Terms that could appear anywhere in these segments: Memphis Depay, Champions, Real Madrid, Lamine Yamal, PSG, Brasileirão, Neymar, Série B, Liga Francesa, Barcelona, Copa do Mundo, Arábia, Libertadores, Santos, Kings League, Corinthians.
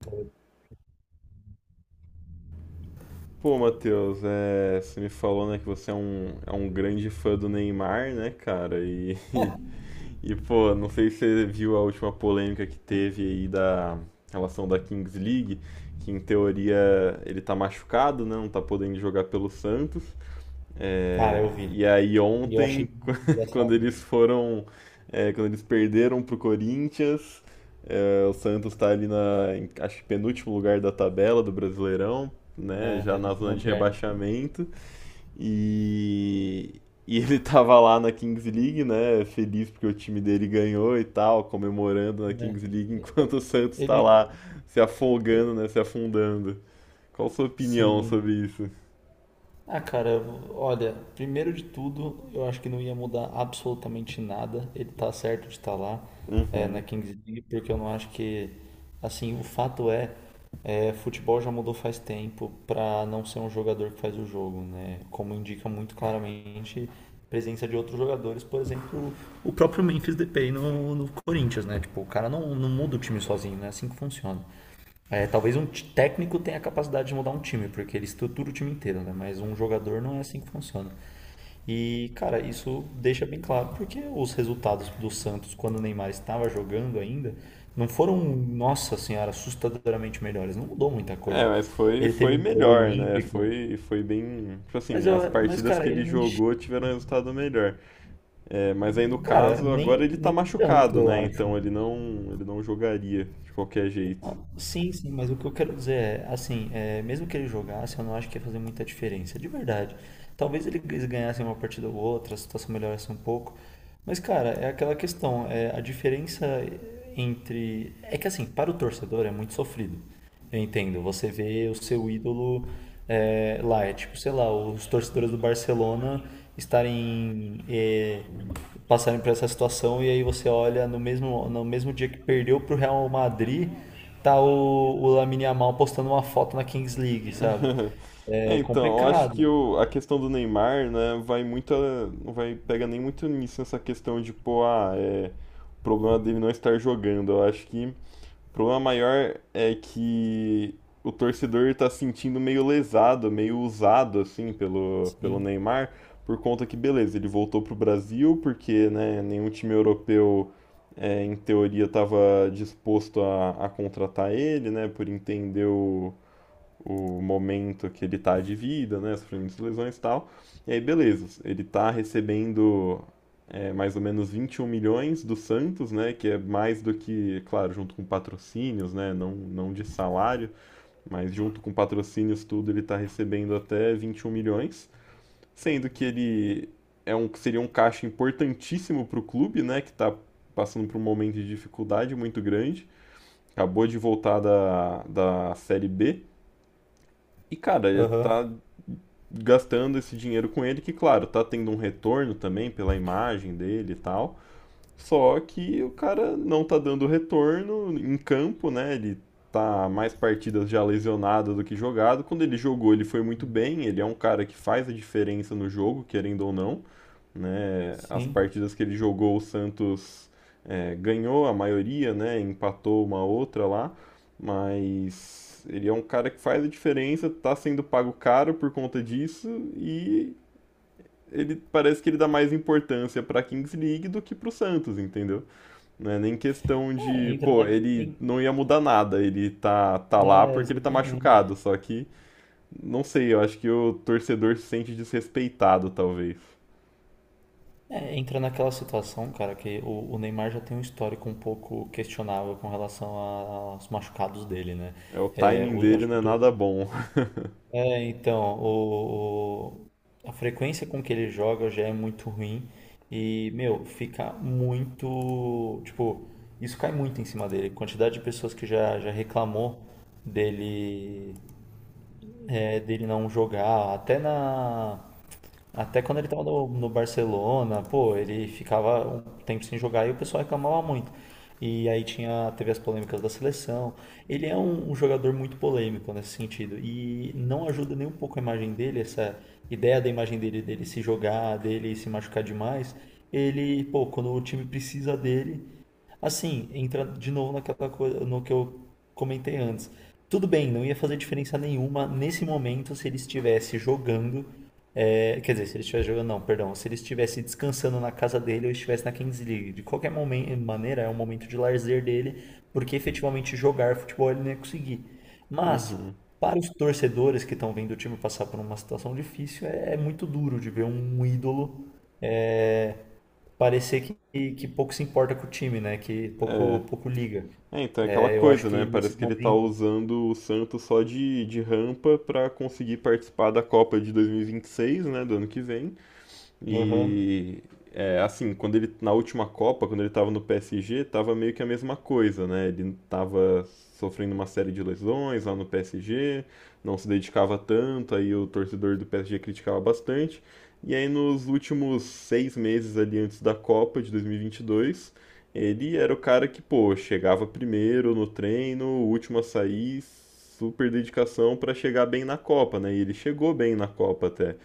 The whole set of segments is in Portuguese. Pô, Matheus, é, você me falou, né, que você é um grande fã do Neymar, né, cara? Pô, não sei se você viu a última polêmica que teve aí da relação da Kings League, que em teoria ele tá machucado, né, não tá podendo jogar pelo Santos. Cara, eu É, vi. e aí E eu achei ontem, muito quando engraçado. eles foram, quando eles perderam pro Corinthians, é, o Santos tá ali em, acho que penúltimo lugar da tabela do Brasileirão, né, É, já a na zona de vice-lanterna. rebaixamento, e, e ele tava lá na Kings League, né, feliz porque o time dele ganhou e tal, comemorando na É. Kings League, enquanto o Santos tá Ele. lá se afogando, né, se afundando. Qual a sua opinião sobre Sim. isso? Ah, cara, olha, primeiro de tudo, eu acho que não ia mudar absolutamente nada. Ele tá certo de estar lá, na Uhum. Kings League, porque eu não acho que. Assim, o fato é, futebol já mudou faz tempo pra não ser um jogador que faz o jogo, né? Como indica muito claramente a presença de outros jogadores, por exemplo, o próprio Memphis Depay no Corinthians, né? Tipo, o cara não muda o time sozinho, não é assim que funciona. É, talvez um técnico tenha a capacidade de mudar um time, porque ele estrutura o time inteiro, né? Mas um jogador não é assim que funciona. E, cara, isso deixa bem claro, porque os resultados do Santos, quando o Neymar estava jogando ainda, não foram, nossa senhora, assustadoramente melhores. Não mudou muita É, coisa. mas foi, Ele foi teve um gol melhor, né? olímpico, Foi bem. Tipo mas, assim, as mas partidas que cara, ele ele nem. jogou tiveram resultado melhor. É, mas aí no Cara, caso, agora ele tá nem tanto, machucado, eu né? acho. Então ele não jogaria de qualquer jeito. Não, sim, sim, mas o que eu quero dizer assim, mesmo que ele jogasse, eu não acho que ia fazer muita diferença, de verdade. Talvez eles ganhassem uma partida ou outra, a situação melhorasse um pouco. Mas, cara, é aquela questão, a diferença entre. É que, assim, para o torcedor é muito sofrido. Eu entendo. Você vê o seu ídolo lá, é tipo, sei lá, os torcedores do Barcelona estarem passarem por essa situação e aí você olha no mesmo dia que perdeu pro Real Madrid, tá o Lamine Yamal postando uma foto na Kings League, sabe? É, É então, eu acho complicado. que a questão do Neymar, né, vai muito. Não vai pega nem muito nisso, essa questão de, pô, ah, é, o problema dele não estar jogando. Eu acho que. O problema maior é que o torcedor tá se sentindo meio lesado, meio usado, assim, pelo Sim. Neymar, por conta que, beleza, ele voltou pro Brasil, porque, né, nenhum time europeu, é, em teoria, estava disposto a contratar ele, né, por entender o momento que ele está de vida, né, sofrimento de lesões e tal. E aí, beleza, ele está recebendo é, mais ou menos 21 milhões do Santos, né, que é mais do que, claro, junto com patrocínios, né, não, não de salário, mas junto com patrocínios tudo, ele está recebendo até 21 milhões, sendo que seria um caixa importantíssimo para o clube, né, que está passando por um momento de dificuldade muito grande, acabou de voltar da Série B, e, cara, ele Aham. tá gastando esse dinheiro com ele, que, claro, tá tendo um retorno também pela imagem dele e tal. Só que o cara não tá dando retorno em campo, né? Ele tá mais partidas já lesionado do que jogado. Quando ele jogou, ele foi muito bem. Ele é um cara que faz a diferença no jogo, querendo ou não, né? As Sim. partidas que ele jogou, o Santos é, ganhou a maioria, né? Empatou uma outra lá, mas ele é um cara que faz a diferença, tá sendo pago caro por conta disso e ele parece que ele dá mais importância para a Kings League do que para o Santos, entendeu? Não é nem questão É, de, entra na. pô, ele em- não ia mudar nada, ele tá, tá lá É, porque ele tá machucado, exatamente. só que, não sei, eu acho que o torcedor se sente desrespeitado, talvez. É, entra naquela situação, cara, que o Neymar já tem um histórico um pouco questionável com relação aos machucados dele, né? É, o É, timing o- dele acho não que é nada torce- bom. é, então, o- a frequência com que ele joga já é muito ruim e, meu, fica muito, tipo, isso cai muito em cima dele. Quantidade de pessoas que já reclamou dele, dele não jogar, até quando ele estava no Barcelona, pô, ele ficava um tempo sem jogar e o pessoal reclamava muito. E aí teve as polêmicas da seleção. Ele é um jogador muito polêmico nesse sentido. E não ajuda nem um pouco a imagem dele, essa ideia da imagem dele, dele se jogar, dele se machucar demais. Ele, pô, quando o time precisa dele, assim, entra de novo naquela coisa, no que eu comentei antes. Tudo bem, não ia fazer diferença nenhuma nesse momento se ele estivesse jogando, quer dizer, se ele estivesse jogando, não, perdão. Se ele estivesse descansando na casa dele ou estivesse na Kings League. De qualquer maneira, é um momento de lazer dele, porque efetivamente jogar futebol ele não ia conseguir. Mas, Uhum. para os torcedores que estão vendo o time passar por uma situação difícil, é muito duro de ver um ídolo é, parecer que pouco se importa com o time, né? Que pouco, pouco liga. É, então é aquela É, eu acho coisa, que né? nesse Parece que ele tá momento. usando o Santos só de rampa pra conseguir participar da Copa de dois mil e vinte e seis, né? Do ano que vem. Aham, E é, assim, quando ele na última Copa, quando ele estava no PSG, estava meio que a mesma coisa, né? Ele estava sofrendo uma série de lesões lá no PSG, não se dedicava tanto, aí o torcedor do PSG criticava bastante. E aí nos últimos 6 meses ali antes da Copa de 2022, ele era o cara que, pô, chegava primeiro no treino, o último a sair, super dedicação para chegar bem na Copa, né? E ele chegou bem na Copa até.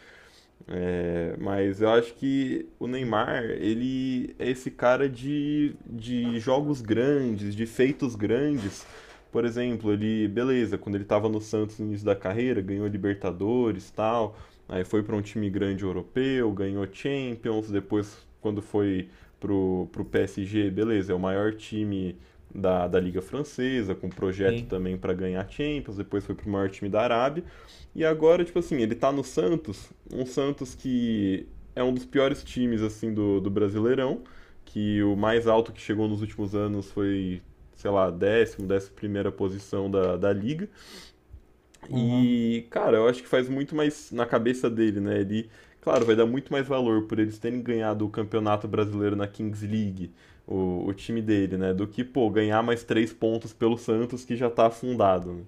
É, mas eu acho que o Neymar, ele é esse cara de jogos grandes, de feitos grandes. Por exemplo, ele, beleza, quando ele estava no Santos no início da carreira, ganhou Libertadores, tal, aí foi para um time grande europeu, ganhou Champions, depois quando foi pro PSG, beleza, é o maior time da Liga Francesa, com projeto sim. também para ganhar Champions, depois foi pro maior time da Arábia. E agora, tipo assim, ele tá no Santos, um Santos que é um dos piores times, assim, do Brasileirão, que o mais alto que chegou nos últimos anos foi, sei lá, décimo, décima primeira posição da liga. Aham. E, cara, eu acho que faz muito mais na cabeça dele, né? Ele, claro, vai dar muito mais valor por eles terem ganhado o Campeonato Brasileiro na Kings League, o time dele, né? Do que, pô, ganhar mais três pontos pelo Santos que já tá afundado, né?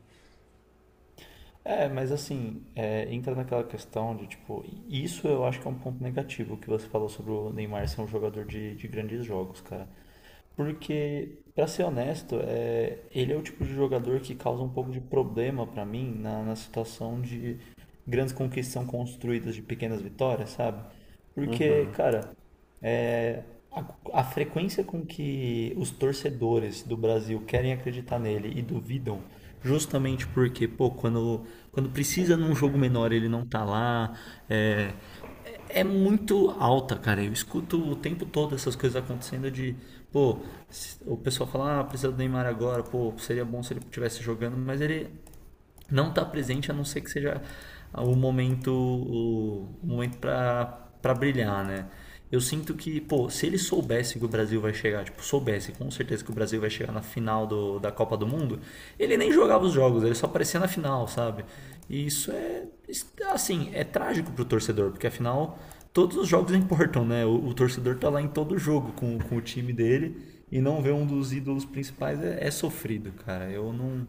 É, mas assim, entra naquela questão de tipo, isso eu acho que é um ponto negativo que você falou sobre o Neymar ser um jogador de grandes jogos, cara. Porque, pra ser honesto, ele é o tipo de jogador que causa um pouco de problema pra mim na, na situação de grandes conquistas são construídas de pequenas vitórias, sabe? Porque, Uhum. cara, é, a frequência com que os torcedores do Brasil querem acreditar nele e duvidam, justamente porque, pô, quando precisa num jogo menor ele não tá lá, é, é muito alta, cara. Eu escuto o tempo todo essas coisas acontecendo de, pô, o pessoal fala, ah, precisa do Neymar agora, pô, seria bom se ele estivesse jogando, mas ele não está presente a não ser que seja o, momento para brilhar, né? Eu sinto que, pô, se ele soubesse que o Brasil vai chegar, tipo, soubesse com certeza que o Brasil vai chegar na final da Copa do Mundo, ele nem jogava os jogos, ele só aparecia na final, sabe? E isso é, assim, é trágico pro torcedor, porque afinal todos os jogos importam, né? O torcedor tá lá em todo jogo com o time dele e não ver um dos ídolos principais é sofrido, cara. Eu não,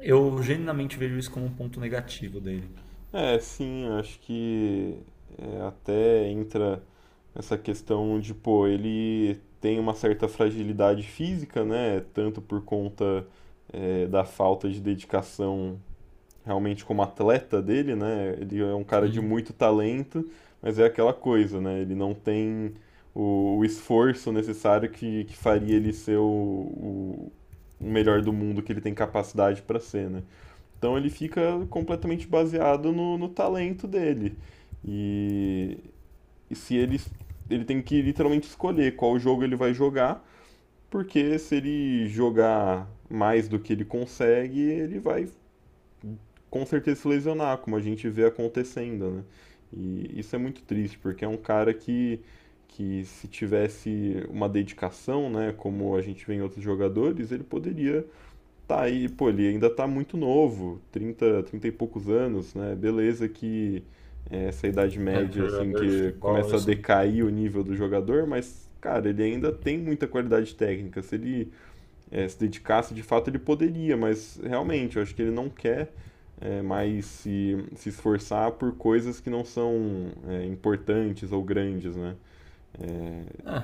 eu genuinamente vejo isso como um ponto negativo dele. É, sim, acho que é, até entra essa questão de, pô, ele tem uma certa fragilidade física, né? Tanto por conta é, da falta de dedicação realmente como atleta dele, né? Ele é um cara de Sim. muito talento, mas é aquela coisa, né? Ele não tem o esforço necessário que faria ele ser o melhor do mundo que ele tem capacidade para ser, né? Então ele fica completamente baseado no talento dele. E, e se ele, ele tem que literalmente escolher qual jogo ele vai jogar, porque se ele jogar mais do que ele consegue, ele vai com certeza se lesionar, como a gente vê acontecendo, né? E isso é muito triste, porque é um cara que se tivesse uma dedicação, né, como a gente vê em outros jogadores, ele poderia. Tá aí, pô, ele ainda tá muito novo, trinta e poucos anos, né? Beleza que é, essa idade É, para média, assim, jogador de que futebol, começa a isso não. decair o nível do jogador, mas, cara, ele ainda tem muita qualidade técnica. Se ele se dedicasse, de fato, ele poderia, mas realmente, eu acho que ele não quer é, mais se esforçar por coisas que não são é, importantes ou grandes, né? É, É,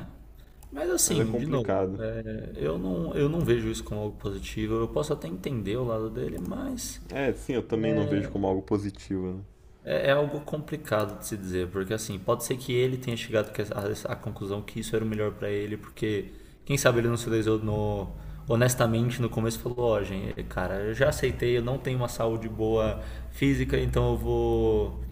mas mas é assim, de novo, complicado. Eu não vejo isso como algo positivo. Eu posso até entender o lado dele, mas É, sim, eu também não vejo como algo positivo, né? É algo complicado de se dizer, porque assim, pode ser que ele tenha chegado à conclusão que isso era o melhor pra ele, porque quem sabe ele não se lesionou honestamente no começo e falou, ó, gente, cara, eu já aceitei, eu não tenho uma saúde boa física, então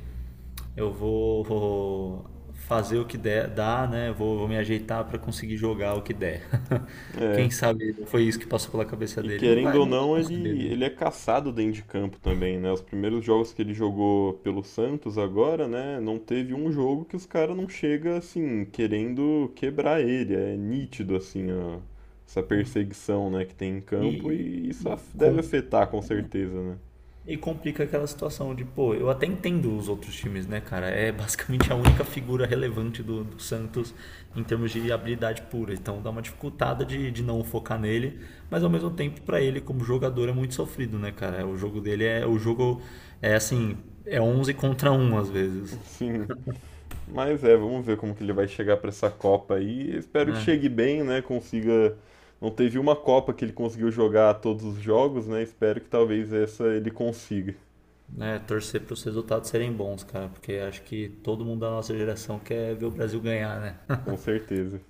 eu vou fazer o que der, dá, né? Eu vou vou me ajeitar para conseguir jogar o que der. É, Quem sabe não foi isso que passou pela cabeça e dele. Não querendo vai, ou não dá não, para saber, ele, né? ele é caçado dentro de campo também, né? Os primeiros jogos que ele jogou pelo Santos agora, né? Não teve um jogo que os caras não chega assim, querendo quebrar ele. É nítido, assim, ó, essa perseguição, né, que tem em campo E, e e isso deve com- afetar com certeza, né? E complica aquela situação de, pô, eu até entendo os outros times, né, cara? É basicamente a única figura relevante do Santos em termos de habilidade pura. Então dá uma dificultada de não focar nele, mas ao mesmo tempo, pra ele, como jogador, é muito sofrido, né, cara? O jogo dele é. O jogo é assim, é 11 contra um às vezes. Sim. Mas é, vamos ver como que ele vai chegar pra essa Copa aí. Espero que chegue É, bem, né? Consiga. Não teve uma Copa que ele conseguiu jogar todos os jogos, né? Espero que talvez essa ele consiga. né, torcer para os resultados serem bons, cara, porque acho que todo mundo da nossa geração quer ver o Brasil ganhar, né? Com certeza.